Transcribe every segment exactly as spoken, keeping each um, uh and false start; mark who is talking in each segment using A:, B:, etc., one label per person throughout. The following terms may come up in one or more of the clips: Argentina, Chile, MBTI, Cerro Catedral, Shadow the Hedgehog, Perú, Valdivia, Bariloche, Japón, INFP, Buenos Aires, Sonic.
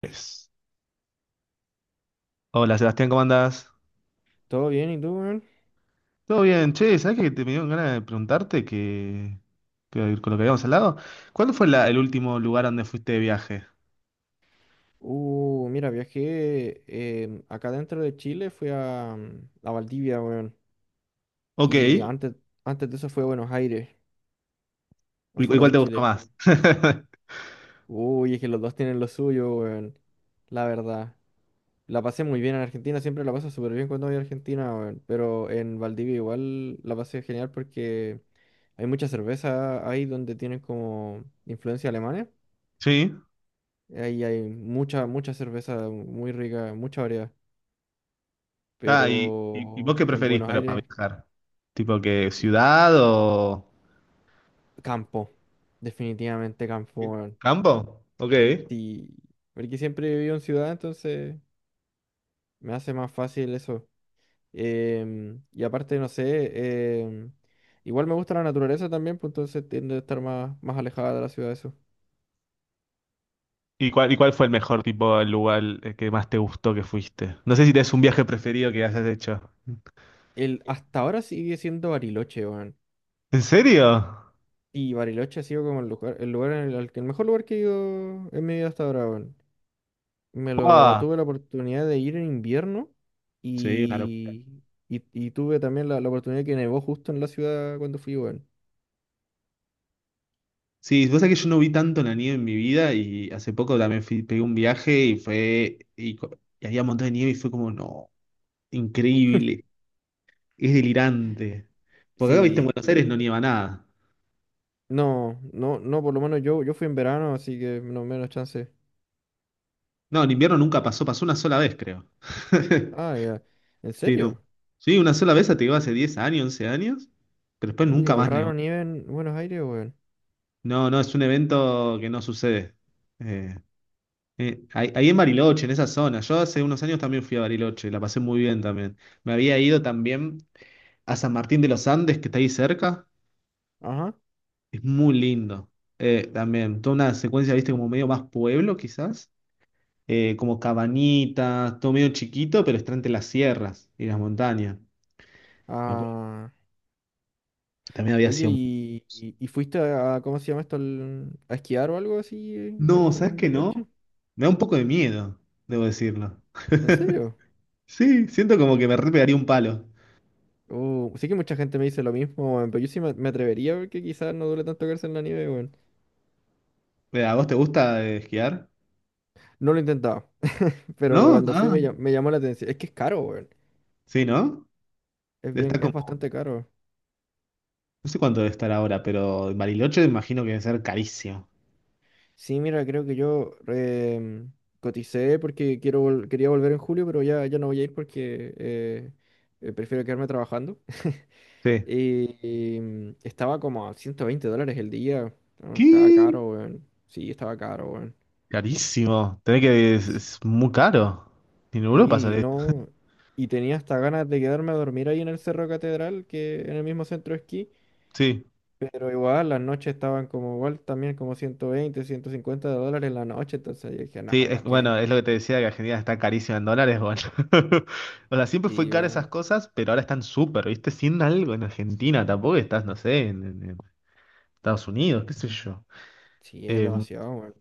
A: Pues, hola Sebastián, ¿cómo andás?
B: ¿Todo bien? ¿Y tú, weón?
A: Todo bien, che, ¿sabés que te me dieron ganas de preguntarte que, que con lo que habíamos hablado? ¿Cuándo fue la- el último lugar donde fuiste de viaje?
B: Uh, mira, viajé em, acá dentro de Chile, fui a, mm, a Valdivia, weón.
A: Ok,
B: Y
A: ¿y
B: antes, antes de eso fui a Buenos Aires,
A: cu- y
B: afuera
A: cuál
B: de
A: te gustó
B: Chile.
A: más?
B: Uy, es que los dos tienen lo suyo, weón. La verdad. La pasé muy bien en Argentina, siempre la paso súper bien cuando voy a Argentina, weón. Pero en Valdivia igual la pasé genial porque hay mucha cerveza ahí donde tienen como influencia alemana.
A: Sí,
B: Ahí hay mucha, mucha cerveza muy rica, mucha variedad.
A: ah, y, y- y vos,
B: Pero
A: ¿qué
B: en
A: preferís
B: Buenos
A: para, para
B: Aires,
A: viajar? ¿Tipo que
B: mm,
A: ciudad o
B: campo, definitivamente campo, weón.
A: campo? Ok.
B: Sí, porque siempre he vivido en ciudad, entonces me hace más fácil eso. Em, y aparte, no sé, em, igual me gusta la naturaleza también, pues entonces tiendo a estar más, más alejada de la ciudad, eso.
A: ¿Y cuál, y cuál fue el mejor tipo, el lugar, eh, que más te gustó, que fuiste? No sé si tenés un viaje preferido que hayas hecho.
B: El, hasta ahora sigue siendo Bariloche, weón.
A: ¿En serio?
B: Y Bariloche ha sido como el lugar, el lugar en el, al que- el mejor lugar que he ido en mi vida hasta ahora, weón. Me lo
A: ¡Wow!
B: tuve la oportunidad de ir en invierno
A: Sí, una locura.
B: y, y, y tuve también la, la oportunidad que nevó justo en la ciudad cuando fui, weón.
A: Sí, vos sabés que yo no vi tanto la nieve en mi vida y hace poco también fui- pegué un viaje y fue y, co- y había un montón de nieve y fue como, no, increíble, es delirante. Porque acá, viste, en
B: Sí,
A: Buenos
B: eh,
A: Aires no nieva nada.
B: no, no, no, por lo menos yo, yo fui en verano, así que no menos chance.
A: No, en invierno nunca pasó, pasó, una sola vez, creo.
B: Ah, ya. ¿En
A: Sí, no.
B: serio?
A: Sí, una sola vez, te digo, hace diez años, once años, pero después
B: Oye,
A: nunca
B: igual
A: más nevó.
B: raro nieve en Buenos Aires, weón.
A: No, no, es un evento que no sucede. Eh, eh, ahí, ahí en Bariloche, en esa zona. Yo hace unos años también fui a Bariloche, la pasé muy bien también. Me había ido también a San Martín de los Andes, que está ahí cerca.
B: Ajá.
A: Es muy lindo. Eh, también, toda una secuencia, viste, como medio más pueblo, quizás. Eh, como cabanitas, todo medio chiquito, pero está entre las sierras y las montañas. Me acuerdo
B: Ah,
A: que también había
B: oye,
A: sido.
B: ¿y, y, y fuiste a, a- ¿cómo se llama esto? al- a esquiar o algo así eh, en,
A: No, ¿sabes
B: en
A: qué?
B: Bariloche?
A: No. Me da un poco de miedo, debo decirlo.
B: ¿En serio?
A: Sí, siento como que me re pegaría un palo.
B: Uh, sí que mucha gente me dice lo mismo, weón, pero yo sí me, me atrevería porque quizás no duele tanto quedarse en la nieve, weón.
A: Eh, ¿A vos te gusta, eh, esquiar?
B: No lo he intentado, pero
A: ¿No?
B: cuando fui
A: Ah,
B: me, llam- me llamó la atención. Es que es caro, weón.
A: sí, ¿no?
B: Es bien,
A: Está
B: es
A: como,
B: bastante caro.
A: no sé cuánto debe estar ahora, pero en Bariloche imagino que debe ser carísimo.
B: Sí, mira, creo que yo em, coticé porque quiero vol- quería volver en julio, pero ya, ya no voy a ir porque eh, eh, prefiero quedarme trabajando.
A: Sí.
B: Y, y, mm, estaba como a ciento veinte dólares el día. No, estaba
A: ¿Qué?
B: caro, weón. Sí, estaba caro, weón.
A: Carísimo. Tenés que. Es,
B: Sí.
A: es muy caro. En Europa
B: Sí,
A: sale.
B: no. Y tenía hasta ganas de quedarme a dormir ahí en el Cerro Catedral, que en el mismo centro de esquí.
A: Sí.
B: Pero igual, las noches estaban como igual, también como ciento veinte ciento cincuenta dólares la noche. Entonces yo dije, no,
A: Sí, es,
B: ¿para qué?
A: bueno, es lo que te decía, que Argentina está carísima en dólares, bueno. O sea, siempre fue
B: Sí,
A: cara esas
B: weón.
A: cosas, pero ahora están súper, ¿viste? Sin algo en Argentina, tampoco estás, no sé, en, en- en Estados Unidos, qué sé yo.
B: Sí, es
A: Eh,
B: demasiado, weón.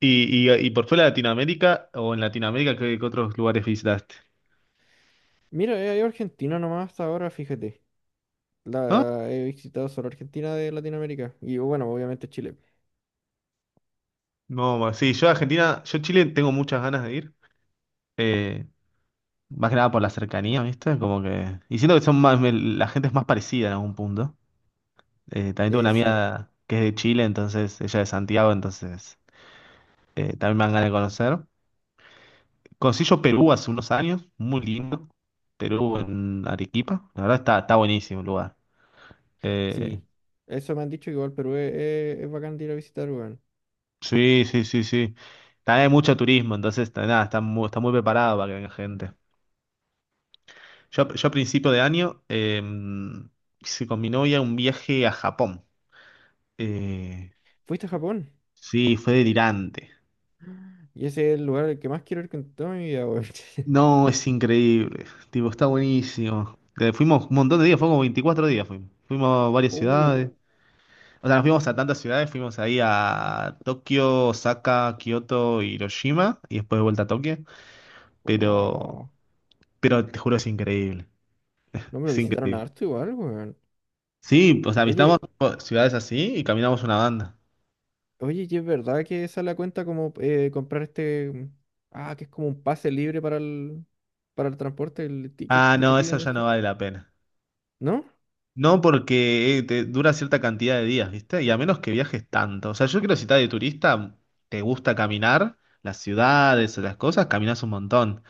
A: y, y, y por fuera de Latinoamérica, o en Latinoamérica, ¿qué, qué otros lugares visitaste?
B: Mira, he ido a Argentina nomás hasta ahora, fíjate.
A: ¿No?
B: La, he visitado solo Argentina de Latinoamérica. Y bueno, obviamente Chile.
A: No, bueno, sí, yo a Argentina, yo a Chile tengo muchas ganas de ir. Eh, Más que nada por la cercanía, ¿viste? Como que. Y siento que son más, me- la gente es más parecida en algún punto. Eh, también tengo una
B: Eh, sí,
A: amiga que es de Chile, entonces ella es de Santiago, entonces, eh, también me dan ganas de conocer. Conocí yo Perú hace unos años, muy lindo. Perú, en Arequipa. La verdad está, está, buenísimo el lugar. Eh,
B: sí. Eso me han dicho que igual Perú es, es- es bacán de ir a visitar, weón.
A: sí, sí, sí, sí. También hay mucho turismo, entonces, ta- nada, está muy, está muy preparado para que venga gente. Yo, yo a principio de año, eh, hice con mi novia un viaje a Japón. Eh,
B: ¿Fuiste a Japón?
A: Sí, fue delirante.
B: Y ese es el lugar al que más quiero ir con toda mi vida, weón.
A: No, es increíble. Tipo, está buenísimo. Eh, Fuimos un montón de días, fuimos como veinticuatro días. Fuimos, fuimos a varias ciudades.
B: Uh,
A: O sea, nos fuimos a tantas ciudades, fuimos ahí a Tokio, Osaka, Kioto, Hiroshima y después de vuelta a Tokio. Pero,
B: oh,
A: pero te juro, es increíble.
B: no me lo
A: Es
B: visitaron
A: increíble.
B: harto igual, weón.
A: Sí, o sea, visitamos
B: Oye,
A: ciudades así y caminamos una banda.
B: oye, ¿y es verdad que esa la cuenta como eh, comprar este... mm, ah, que es como un pase libre para el, para el transporte, el ticket
A: Ah,
B: que te
A: no, eso
B: piden
A: ya no
B: este?
A: vale la pena.
B: ¿No?
A: No, porque, eh, te dura cierta cantidad de días, ¿viste? Y a menos que viajes tanto. O sea, yo creo que si estás de turista, te gusta caminar, las ciudades, las cosas, caminas un montón.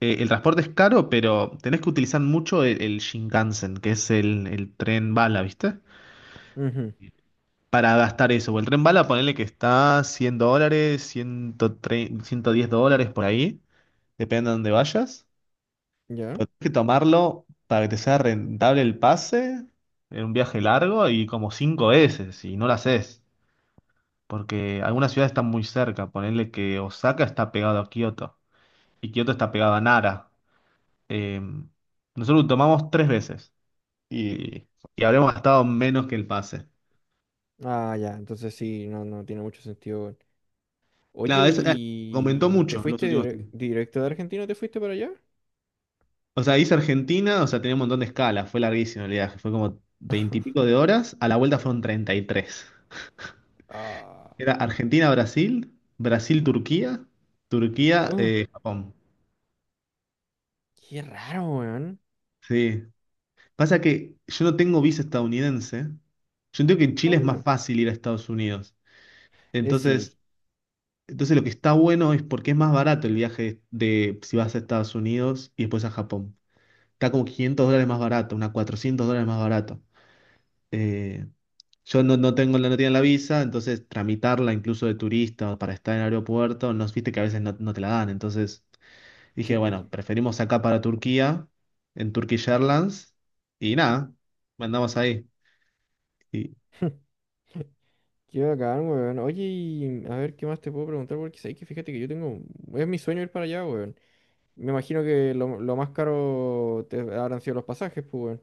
A: Eh, el transporte es caro, pero tenés que utilizar mucho el, el, Shinkansen, que es el, el tren bala, ¿viste?
B: Ujú,
A: Para gastar eso. O el tren bala, ponele que está cien dólares, ciento diez dólares por ahí, depende de dónde vayas.
B: ya.
A: Pero tenés que tomarlo para que te sea rentable el pase en un viaje largo y como cinco veces, y no lo haces. Porque algunas ciudades están muy cerca. Ponerle que Osaka está pegado a Kioto y Kioto está pegado a Nara. Eh, nosotros lo tomamos tres veces y, y habremos gastado menos que el pase.
B: Ah, ya, entonces sí, no, no tiene mucho sentido, weón. Oye,
A: Claro, eso, eh, aumentó
B: ¿y te
A: mucho en los
B: fuiste
A: últimos
B: dire-
A: tiempos.
B: directo de Argentina? ¿Te fuiste para allá?
A: O sea, hice Argentina, o sea, tenía un montón de escalas. Fue larguísimo el viaje. Fue como veintipico de horas. A la vuelta fueron treinta y tres.
B: Ah,
A: Era Argentina-Brasil, Brasil-Turquía,
B: oh,
A: Turquía-Japón.
B: qué raro, weón.
A: Sí. Pasa que yo no tengo visa estadounidense. Yo entiendo que en
B: Ah,
A: Chile es más
B: bueno.
A: fácil ir a Estados Unidos.
B: Eh, sí.
A: Entonces, entonces lo que está bueno es porque es más barato el viaje, de si vas a Estados Unidos y después a Japón. Está como quinientos dólares más barato, unas cuatrocientos dólares más barato. Eh, yo no, no tengo la no tenía la visa, entonces tramitarla incluso de turista o para estar en el aeropuerto, no, viste que a veces no, no te la dan. Entonces, dije,
B: Sí.
A: bueno, preferimos acá para Turquía, en Turkish Airlines, y nada, mandamos ahí. Y
B: Qué bacán, weón. Oye, y a ver, ¿qué más te puedo preguntar? Porque sabes que fíjate que yo tengo... Es mi sueño ir para allá, weón. Me imagino que lo, lo más caro te habrán sido los pasajes, pues, weón.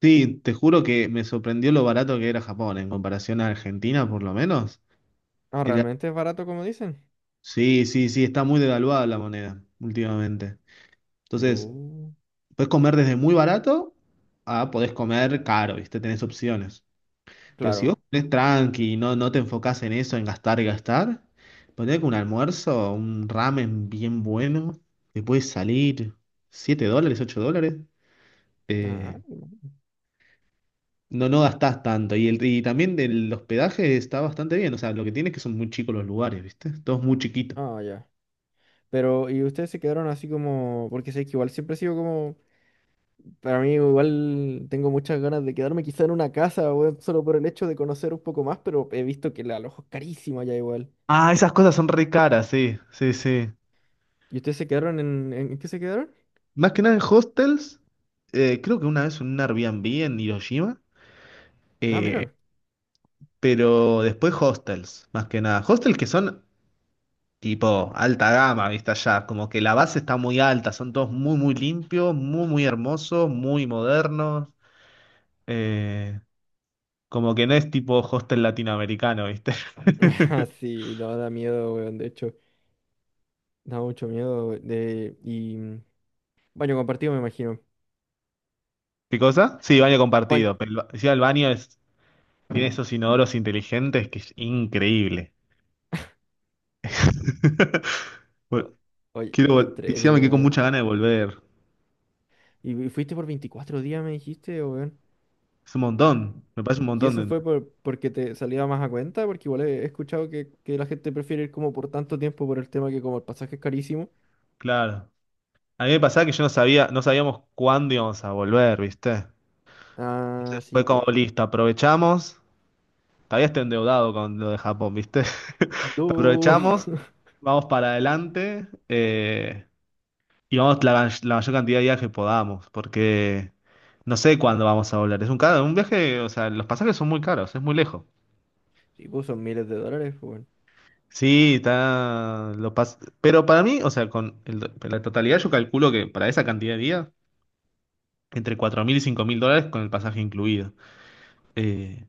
A: sí, te juro que me sorprendió lo barato que era Japón, en comparación a Argentina, por lo menos.
B: Ah,
A: Era-
B: ¿realmente es barato como dicen?
A: sí, sí, sí, está muy devaluada la moneda últimamente. Entonces,
B: Lo-
A: puedes comer desde muy barato, a podés comer caro, ¿viste? Tenés opciones. Pero si vos
B: Claro.
A: ponés tranqui y no, no te enfocás en eso, en gastar y gastar, ponés que un almuerzo, un ramen bien bueno, te puede salir siete dólares, ocho dólares.
B: Ah,
A: Eh, no, no gastás tanto. Y, el, y también el hospedaje está bastante bien. O sea, lo que tiene es que son muy chicos los lugares, ¿viste? Todos muy chiquitos.
B: ah, ya. Pero, ¿y ustedes se quedaron así como...? Porque sé que igual siempre he sido como... Para mí igual tengo muchas ganas de quedarme quizá en una casa, weón, solo por el hecho de conocer un poco más, pero he visto que el alojo es carísimo allá igual.
A: Ah, esas cosas son re caras, sí, sí, sí.
B: ¿Y ustedes se quedaron en... ¿En en qué se quedaron?
A: Más que nada en hostels, eh, creo que una vez en un Airbnb en Hiroshima,
B: Ah,
A: eh,
B: mira.
A: pero después hostels, más que nada. Hostels que son tipo alta gama, ¿viste? Allá, como que la base está muy alta, son todos muy, muy limpios, muy, muy hermosos, muy modernos. eh, como que no es tipo hostel latinoamericano, ¿viste?
B: Sí, no da miedo, weón. De hecho, da mucho miedo. we- De... Y mm, baño compartido, me imagino.
A: ¿Qué cosa? Sí, baño
B: Baño...
A: compartido, pero el, ba- encima el baño es, tiene esos inodoros inteligentes, que es increíble. Bueno,
B: o- Oye,
A: Quiero,
B: qué
A: vol- encima
B: entrete,
A: me quedé con
B: weón.
A: mucha ganas de volver.
B: ¿Y y fuiste por veinticuatro días, me dijiste, weón?
A: Es un montón, me parece un
B: ¿Y
A: montón
B: eso
A: de...
B: fue por, porque te salía más a cuenta? Porque igual he he escuchado que, que la gente prefiere ir como por tanto tiempo por el tema que como el pasaje es carísimo.
A: Claro. A mí me pasaba que yo no sabía, no sabíamos cuándo íbamos a volver, ¿viste?
B: Ah, sí,
A: Fue como
B: pues.
A: listo, aprovechamos. Todavía estoy endeudado con lo de Japón, ¿viste? Pero
B: Du.
A: aprovechamos, vamos para adelante, eh, y vamos la, ma- la mayor cantidad de días que podamos, porque no sé cuándo vamos a volver. Es un caro, un viaje, o sea, los pasajes son muy caros, es muy lejos.
B: Sí, pues son miles de dólares, weón.
A: Sí, está. Lo pas Pero para mí, o sea, con el- la totalidad, yo calculo que para esa cantidad de días, entre cuatro mil y cinco mil dólares con el pasaje incluido. Eh,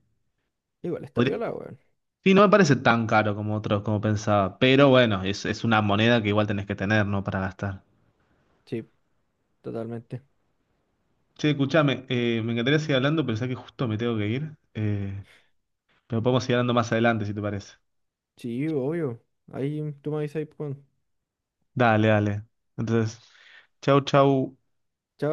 B: Igual está
A: podría-
B: piola, weón.
A: Sí, no me parece tan caro como otros, como pensaba. Pero bueno, es, es una moneda que igual tenés que tener, ¿no? Para gastar.
B: Sí, totalmente.
A: Che, escuchame, eh, me encantaría seguir hablando, pero ya que justo me tengo que ir, eh, pero podemos seguir hablando más adelante, si te parece.
B: Sí, obvio. Ahí tú me avisas, pues, weón.
A: Dale, dale. Entonces, chau, chau.
B: Chao.